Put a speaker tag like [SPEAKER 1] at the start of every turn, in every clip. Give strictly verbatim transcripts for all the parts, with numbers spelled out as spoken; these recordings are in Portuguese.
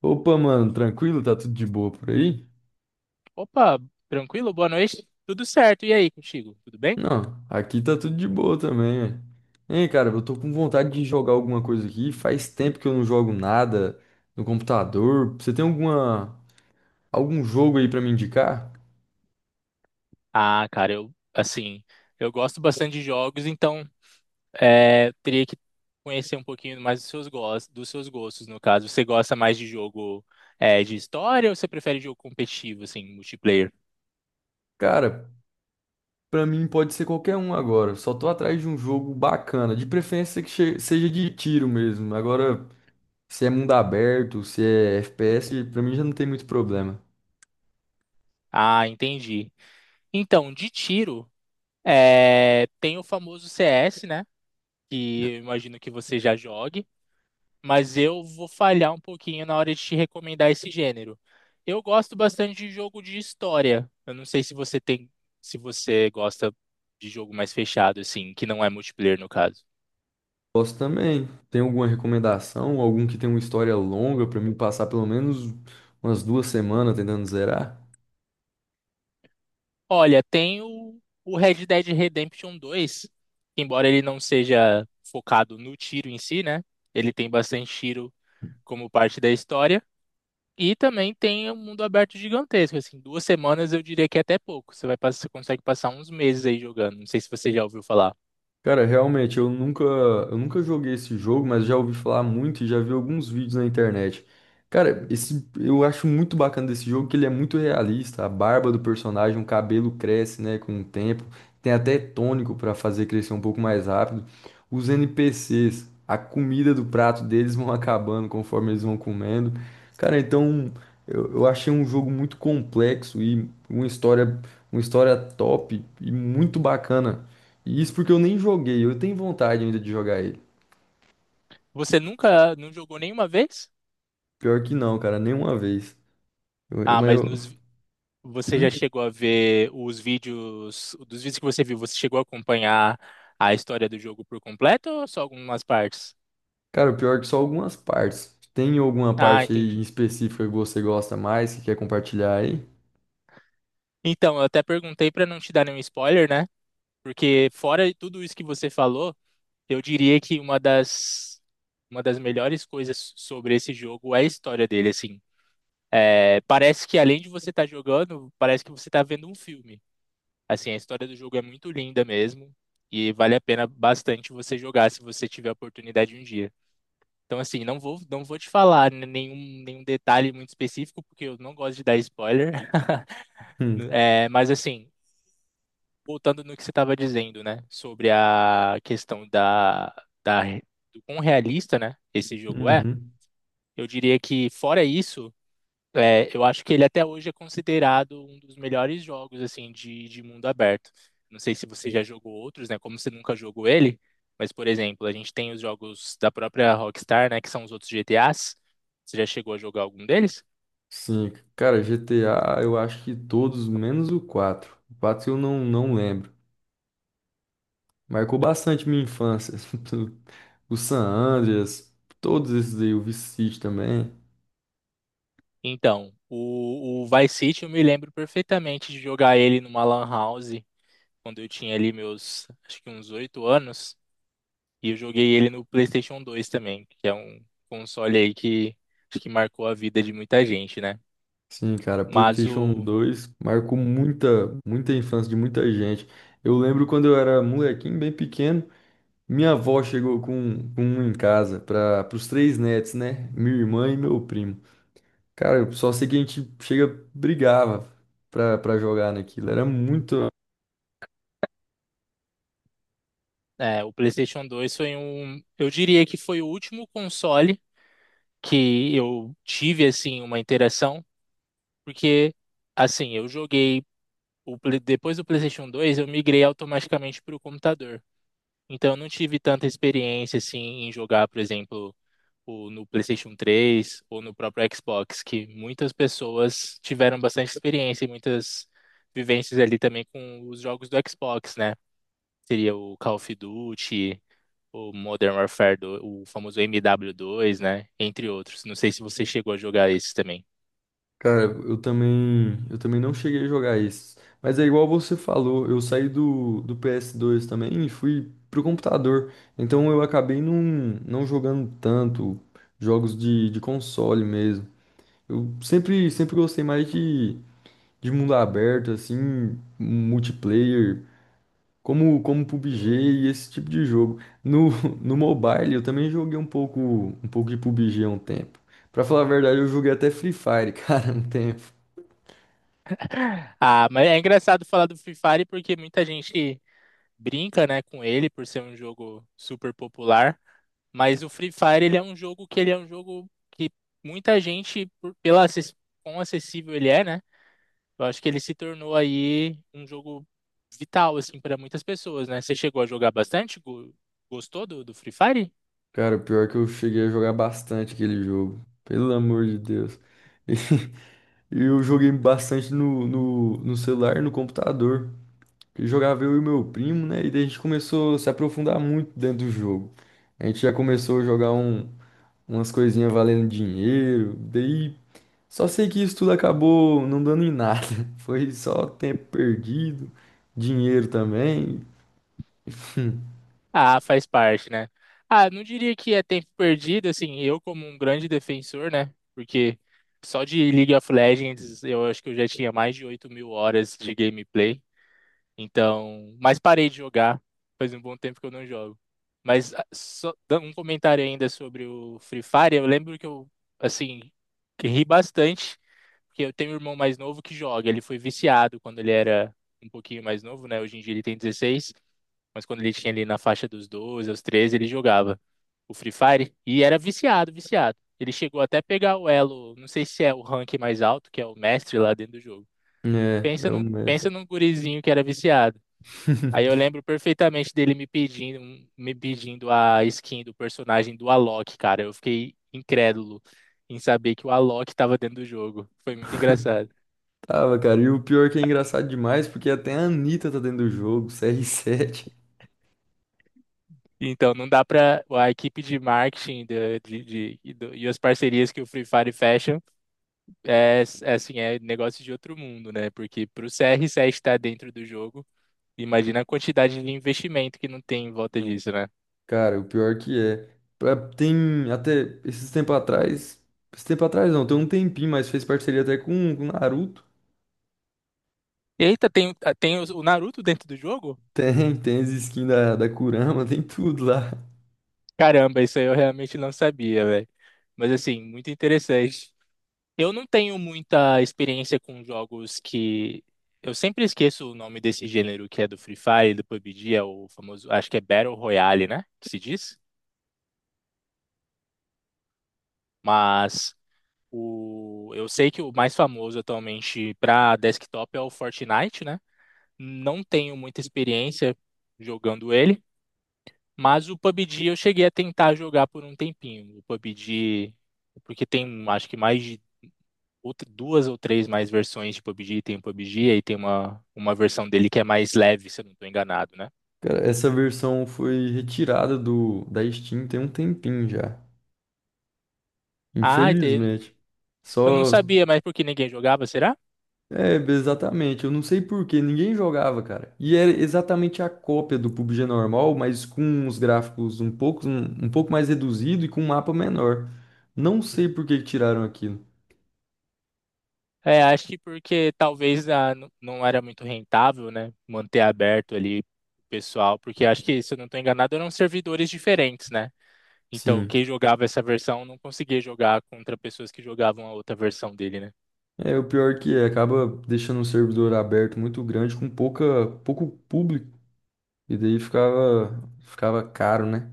[SPEAKER 1] Opa, mano, tranquilo? Tá tudo de boa por aí?
[SPEAKER 2] Opa, tranquilo? Boa noite. Tudo certo. E aí, contigo? Tudo bem?
[SPEAKER 1] Não, aqui tá tudo de boa também, ué. Hein, cara, eu tô com vontade de jogar alguma coisa aqui. Faz tempo que eu não jogo nada no computador. Você tem alguma algum jogo aí pra me indicar?
[SPEAKER 2] Ah, cara, eu, assim, eu gosto bastante de jogos, então é, teria que conhecer um pouquinho mais dos seus gostos, dos seus gostos, no caso. Você gosta mais de jogo é, de história ou você prefere jogo competitivo, assim, multiplayer?
[SPEAKER 1] Cara, pra mim pode ser qualquer um agora. Só tô atrás de um jogo bacana, de preferência que che- seja de tiro mesmo. Agora, se é mundo aberto, se é F P S, pra mim já não tem muito problema.
[SPEAKER 2] Ah, entendi. Então, de tiro, é, tem o famoso C S, né? Que eu imagino que você já jogue. mas eu vou falhar um pouquinho na hora de te recomendar esse gênero. Eu gosto bastante de jogo de história. Eu não sei se você tem, se você gosta de jogo mais fechado, assim, que não é multiplayer no caso.
[SPEAKER 1] Posso também. Tem alguma recomendação? Algum que tem uma história longa pra mim passar pelo menos umas duas semanas tentando zerar?
[SPEAKER 2] Olha, tem o, o Red Dead Redemption dois, que embora ele não seja focado no tiro em si, né? Ele tem bastante tiro como parte da história. E também tem um mundo aberto gigantesco, assim, duas semanas eu diria que é até pouco. Você vai passar, você consegue passar uns meses aí jogando. Não sei se você já ouviu falar.
[SPEAKER 1] Cara, realmente, eu nunca, eu nunca joguei esse jogo, mas já ouvi falar muito e já vi alguns vídeos na internet. Cara, esse, eu acho muito bacana desse jogo que ele é muito realista. A barba do personagem, o cabelo cresce, né, com o tempo. Tem até tônico pra fazer crescer um pouco mais rápido. Os N P Cs, a comida do prato deles vão acabando conforme eles vão comendo. Cara, então eu, eu achei um jogo muito complexo e uma história, uma história top e muito bacana. E isso porque eu nem joguei. Eu tenho vontade ainda de jogar ele.
[SPEAKER 2] Você nunca não jogou nenhuma vez?
[SPEAKER 1] Pior que não, cara, nenhuma vez. Eu- eu-
[SPEAKER 2] Ah,
[SPEAKER 1] mas
[SPEAKER 2] mas
[SPEAKER 1] eu.
[SPEAKER 2] nos, vi- você já
[SPEAKER 1] Hum?
[SPEAKER 2] chegou a ver os vídeos, dos vídeos que você viu, você chegou a acompanhar a história do jogo por completo ou só algumas partes?
[SPEAKER 1] Cara, pior é que só algumas partes. Tem alguma
[SPEAKER 2] Ah,
[SPEAKER 1] parte aí em
[SPEAKER 2] entendi.
[SPEAKER 1] específica que você gosta mais, que quer compartilhar aí?
[SPEAKER 2] Então, eu até perguntei para não te dar nenhum spoiler, né? Porque fora de tudo isso que você falou, eu diria que uma das uma das melhores coisas sobre esse jogo é a história dele, assim. É, parece que além de você estar jogando, parece que você está vendo um filme. Assim, a história do jogo é muito linda mesmo e vale a pena bastante você jogar se você tiver a oportunidade um dia. Então, assim, não vou, não vou te falar n- nenhum, nenhum detalhe muito específico, porque eu não gosto de dar spoiler.
[SPEAKER 1] Hum.
[SPEAKER 2] É, mas, assim, voltando no que você estava dizendo, né, sobre a questão da, da, do quão realista, né, esse jogo é,
[SPEAKER 1] Uhum.
[SPEAKER 2] eu diria que, fora isso, é, eu acho que ele até hoje é considerado um dos melhores jogos assim de, de mundo aberto. Não sei se você já jogou outros, né? Como você nunca jogou ele, mas por exemplo, a gente tem os jogos da própria Rockstar, né? Que são os outros G T As. Você já chegou a jogar algum deles?
[SPEAKER 1] Sim, cara, G T A eu acho que todos, menos o quatro. O quatro eu não, não lembro. Marcou bastante minha infância. O San Andreas, todos esses aí, o Vice City também.
[SPEAKER 2] Então, o, o Vice City eu me lembro perfeitamente de jogar ele numa lan house quando eu tinha ali meus, acho que uns oito anos, e eu joguei ele no PlayStation dois também, que é um console aí que acho que marcou a vida de muita gente, né?
[SPEAKER 1] Sim, cara,
[SPEAKER 2] Mas
[SPEAKER 1] PlayStation
[SPEAKER 2] o,
[SPEAKER 1] dois marcou muita, muita infância de muita gente. Eu lembro quando eu era molequinho, bem pequeno, minha avó chegou com, com um em casa para os três netos, né? Minha irmã e meu primo. Cara, eu só sei que a gente chega, brigava pra, pra jogar naquilo. Era muito,
[SPEAKER 2] é, o PlayStation dois foi um, eu diria que foi o último console que eu tive assim uma interação, porque assim, eu joguei o Play- depois do PlayStation dois, eu migrei automaticamente para o computador. Então eu não tive tanta experiência assim em jogar, por exemplo, o, no PlayStation três ou no próprio Xbox, que muitas pessoas tiveram bastante experiência e muitas vivências ali também com os jogos do Xbox, né? Seria o Call of Duty, o Modern Warfare, do, o famoso M W dois, né? Entre outros. Não sei se você chegou a jogar esses também.
[SPEAKER 1] cara, eu também, eu também não cheguei a jogar esses. Mas é igual você falou, eu saí do, do P S dois também e fui pro computador. Então eu acabei não, não jogando tanto jogos de, de console mesmo. Eu sempre, sempre gostei mais de, de mundo aberto, assim, multiplayer, como, como P U B G e esse tipo de jogo. No, no mobile eu também joguei um pouco, um pouco de P U B G há um tempo. Pra falar a verdade, eu joguei até Free Fire, cara, um tempo.
[SPEAKER 2] Ah, mas é engraçado falar do Free Fire porque muita gente brinca, né, com ele por ser um jogo super popular, mas o Free Fire ele é um jogo que ele é um jogo que muita gente por, pela acess- quão acessível ele é, né? Eu acho que ele se tornou aí um jogo vital assim para muitas pessoas, né? Você chegou a jogar bastante? Go- Gostou do, do Free Fire?
[SPEAKER 1] Cara, o pior é que eu cheguei a jogar bastante aquele jogo. Pelo amor de Deus. E eu joguei bastante no, no, no celular e no computador. E jogava eu e meu primo, né? E daí a gente começou a se aprofundar muito dentro do jogo. A gente já começou a jogar um, umas coisinhas valendo dinheiro. Daí só sei que isso tudo acabou não dando em nada. Foi só tempo perdido, dinheiro também.
[SPEAKER 2] Ah, faz parte, né? Ah, não diria que é tempo perdido, assim, eu como um grande defensor, né? Porque só de League of Legends eu acho que eu já tinha mais de oito mil horas de gameplay. Então, mas parei de jogar. Faz um bom tempo que eu não jogo. Mas ah, só dando um comentário ainda sobre o Free Fire, eu lembro que eu, assim, que ri bastante, porque eu tenho um irmão mais novo que joga. Ele foi viciado quando ele era um pouquinho mais novo, né? Hoje em dia ele tem dezesseis. Mas quando ele tinha ali na faixa dos doze, aos treze, ele jogava o Free Fire e era viciado, viciado. Ele chegou até a pegar o elo, não sei se é o rank mais alto, que é o mestre lá dentro do jogo.
[SPEAKER 1] É,
[SPEAKER 2] Pensa
[SPEAKER 1] é o
[SPEAKER 2] num,
[SPEAKER 1] mestre.
[SPEAKER 2] pensa num gurizinho que era viciado. Aí eu lembro perfeitamente dele me pedindo, me pedindo a skin do personagem do Alok, cara. Eu fiquei incrédulo em saber que o Alok estava dentro do jogo. Foi muito engraçado.
[SPEAKER 1] Tava, cara. E o pior que é engraçado demais, porque até a Anitta tá dentro do jogo, cr sete.
[SPEAKER 2] Então, não dá para a equipe de marketing de- de- de- e do- e as parcerias que o Free Fire fecha é, é, assim, é negócio de outro mundo, né? Porque para o C R sete estar dentro do jogo, imagina a quantidade de investimento que não tem em volta disso, né?
[SPEAKER 1] Cara, o pior que é. Pra- Tem até esses tempo atrás. Esse tempo atrás não, tem um tempinho, mas fez parceria até com com o Naruto.
[SPEAKER 2] Eita, tem, tá, tem o o Naruto dentro do jogo?
[SPEAKER 1] Tem, tem as skins da, da Kurama, tem tudo lá.
[SPEAKER 2] Caramba, isso aí eu realmente não sabia, velho. Mas assim, muito interessante. Eu não tenho muita experiência com jogos que. Eu sempre esqueço o nome desse gênero que é do Free Fire, do PUBG, é o famoso. Acho que é Battle Royale, né? Que se diz? Mas O... eu sei que o mais famoso atualmente para desktop é o Fortnite, né? Não tenho muita experiência jogando ele, mas o PUBG eu cheguei a tentar jogar por um tempinho. O PUBG, porque tem acho que mais de outra- duas ou três mais versões de PUBG. Tem o PUBG, aí tem uma, uma versão dele que é mais leve, se eu não estou enganado, né?
[SPEAKER 1] Cara, essa versão foi retirada do da Steam tem um tempinho já.
[SPEAKER 2] Ah, e tem...
[SPEAKER 1] Infelizmente.
[SPEAKER 2] eu não
[SPEAKER 1] Só
[SPEAKER 2] sabia, mas porque ninguém jogava, será?
[SPEAKER 1] é, exatamente. Eu não sei por quê, ninguém jogava, cara. E era exatamente a cópia do P U B G normal, mas com os gráficos um pouco, um, um pouco mais reduzido e com um mapa menor. Não sei por que que tiraram aquilo.
[SPEAKER 2] É, acho que porque talvez ah, n- não era muito rentável, né? Manter aberto ali o pessoal, porque acho que, se eu não estou enganado, eram servidores diferentes, né? Então,
[SPEAKER 1] Sim.
[SPEAKER 2] quem jogava essa versão não conseguia jogar contra pessoas que jogavam a outra versão dele, né?
[SPEAKER 1] É, o pior que é, acaba deixando um servidor aberto muito grande com pouca, pouco público. E daí ficava, ficava caro, né?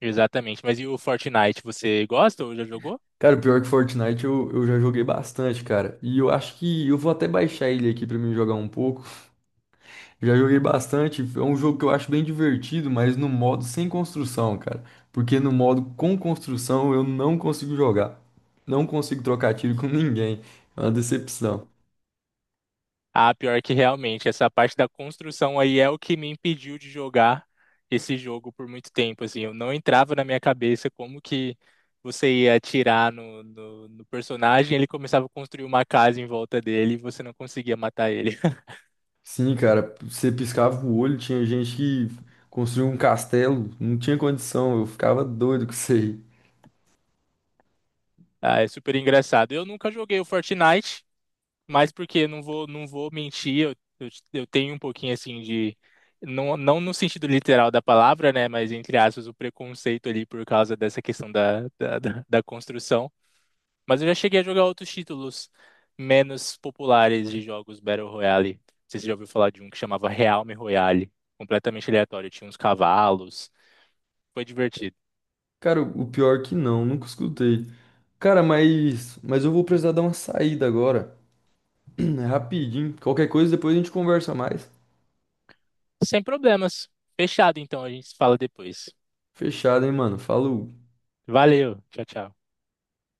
[SPEAKER 2] Exatamente. Mas e o Fortnite, você gosta ou já jogou?
[SPEAKER 1] Cara, o pior que Fortnite eu, eu já joguei bastante, cara. E eu acho que eu vou até baixar ele aqui pra mim jogar um pouco. Já joguei bastante, é um jogo que eu acho bem divertido, mas no modo sem construção, cara. Porque no modo com construção eu não consigo jogar. Não consigo trocar tiro com ninguém. É uma decepção.
[SPEAKER 2] Ah, pior que realmente, essa parte da construção aí é o que me impediu de jogar esse jogo por muito tempo, assim, eu não entrava na minha cabeça como que você ia atirar no, no, no personagem, ele começava a construir uma casa em volta dele e você não conseguia matar ele.
[SPEAKER 1] Sim, cara, você piscava o olho, tinha gente que construiu um castelo, não tinha condição, eu ficava doido com isso aí.
[SPEAKER 2] Ah, é super engraçado. Eu nunca joguei o Fortnite, mas porque não vou, não vou mentir, eu, eu, eu tenho um pouquinho assim de. Não, não no sentido literal da palavra, né? Mas entre aspas, o preconceito ali por causa dessa questão da, da, da da construção. Mas eu já cheguei a jogar outros títulos menos populares de jogos Battle Royale. Não sei se você já ouviu falar de um que chamava Realme Royale. Completamente aleatório, tinha uns cavalos. Foi divertido.
[SPEAKER 1] Cara, o pior que não, nunca escutei. Cara, mas, mas eu vou precisar dar uma saída agora. É rapidinho. Qualquer coisa depois a gente conversa mais.
[SPEAKER 2] Sem problemas. Fechado, então, a gente se fala depois.
[SPEAKER 1] Fechado, hein, mano? Falou.
[SPEAKER 2] Valeu, tchau, tchau.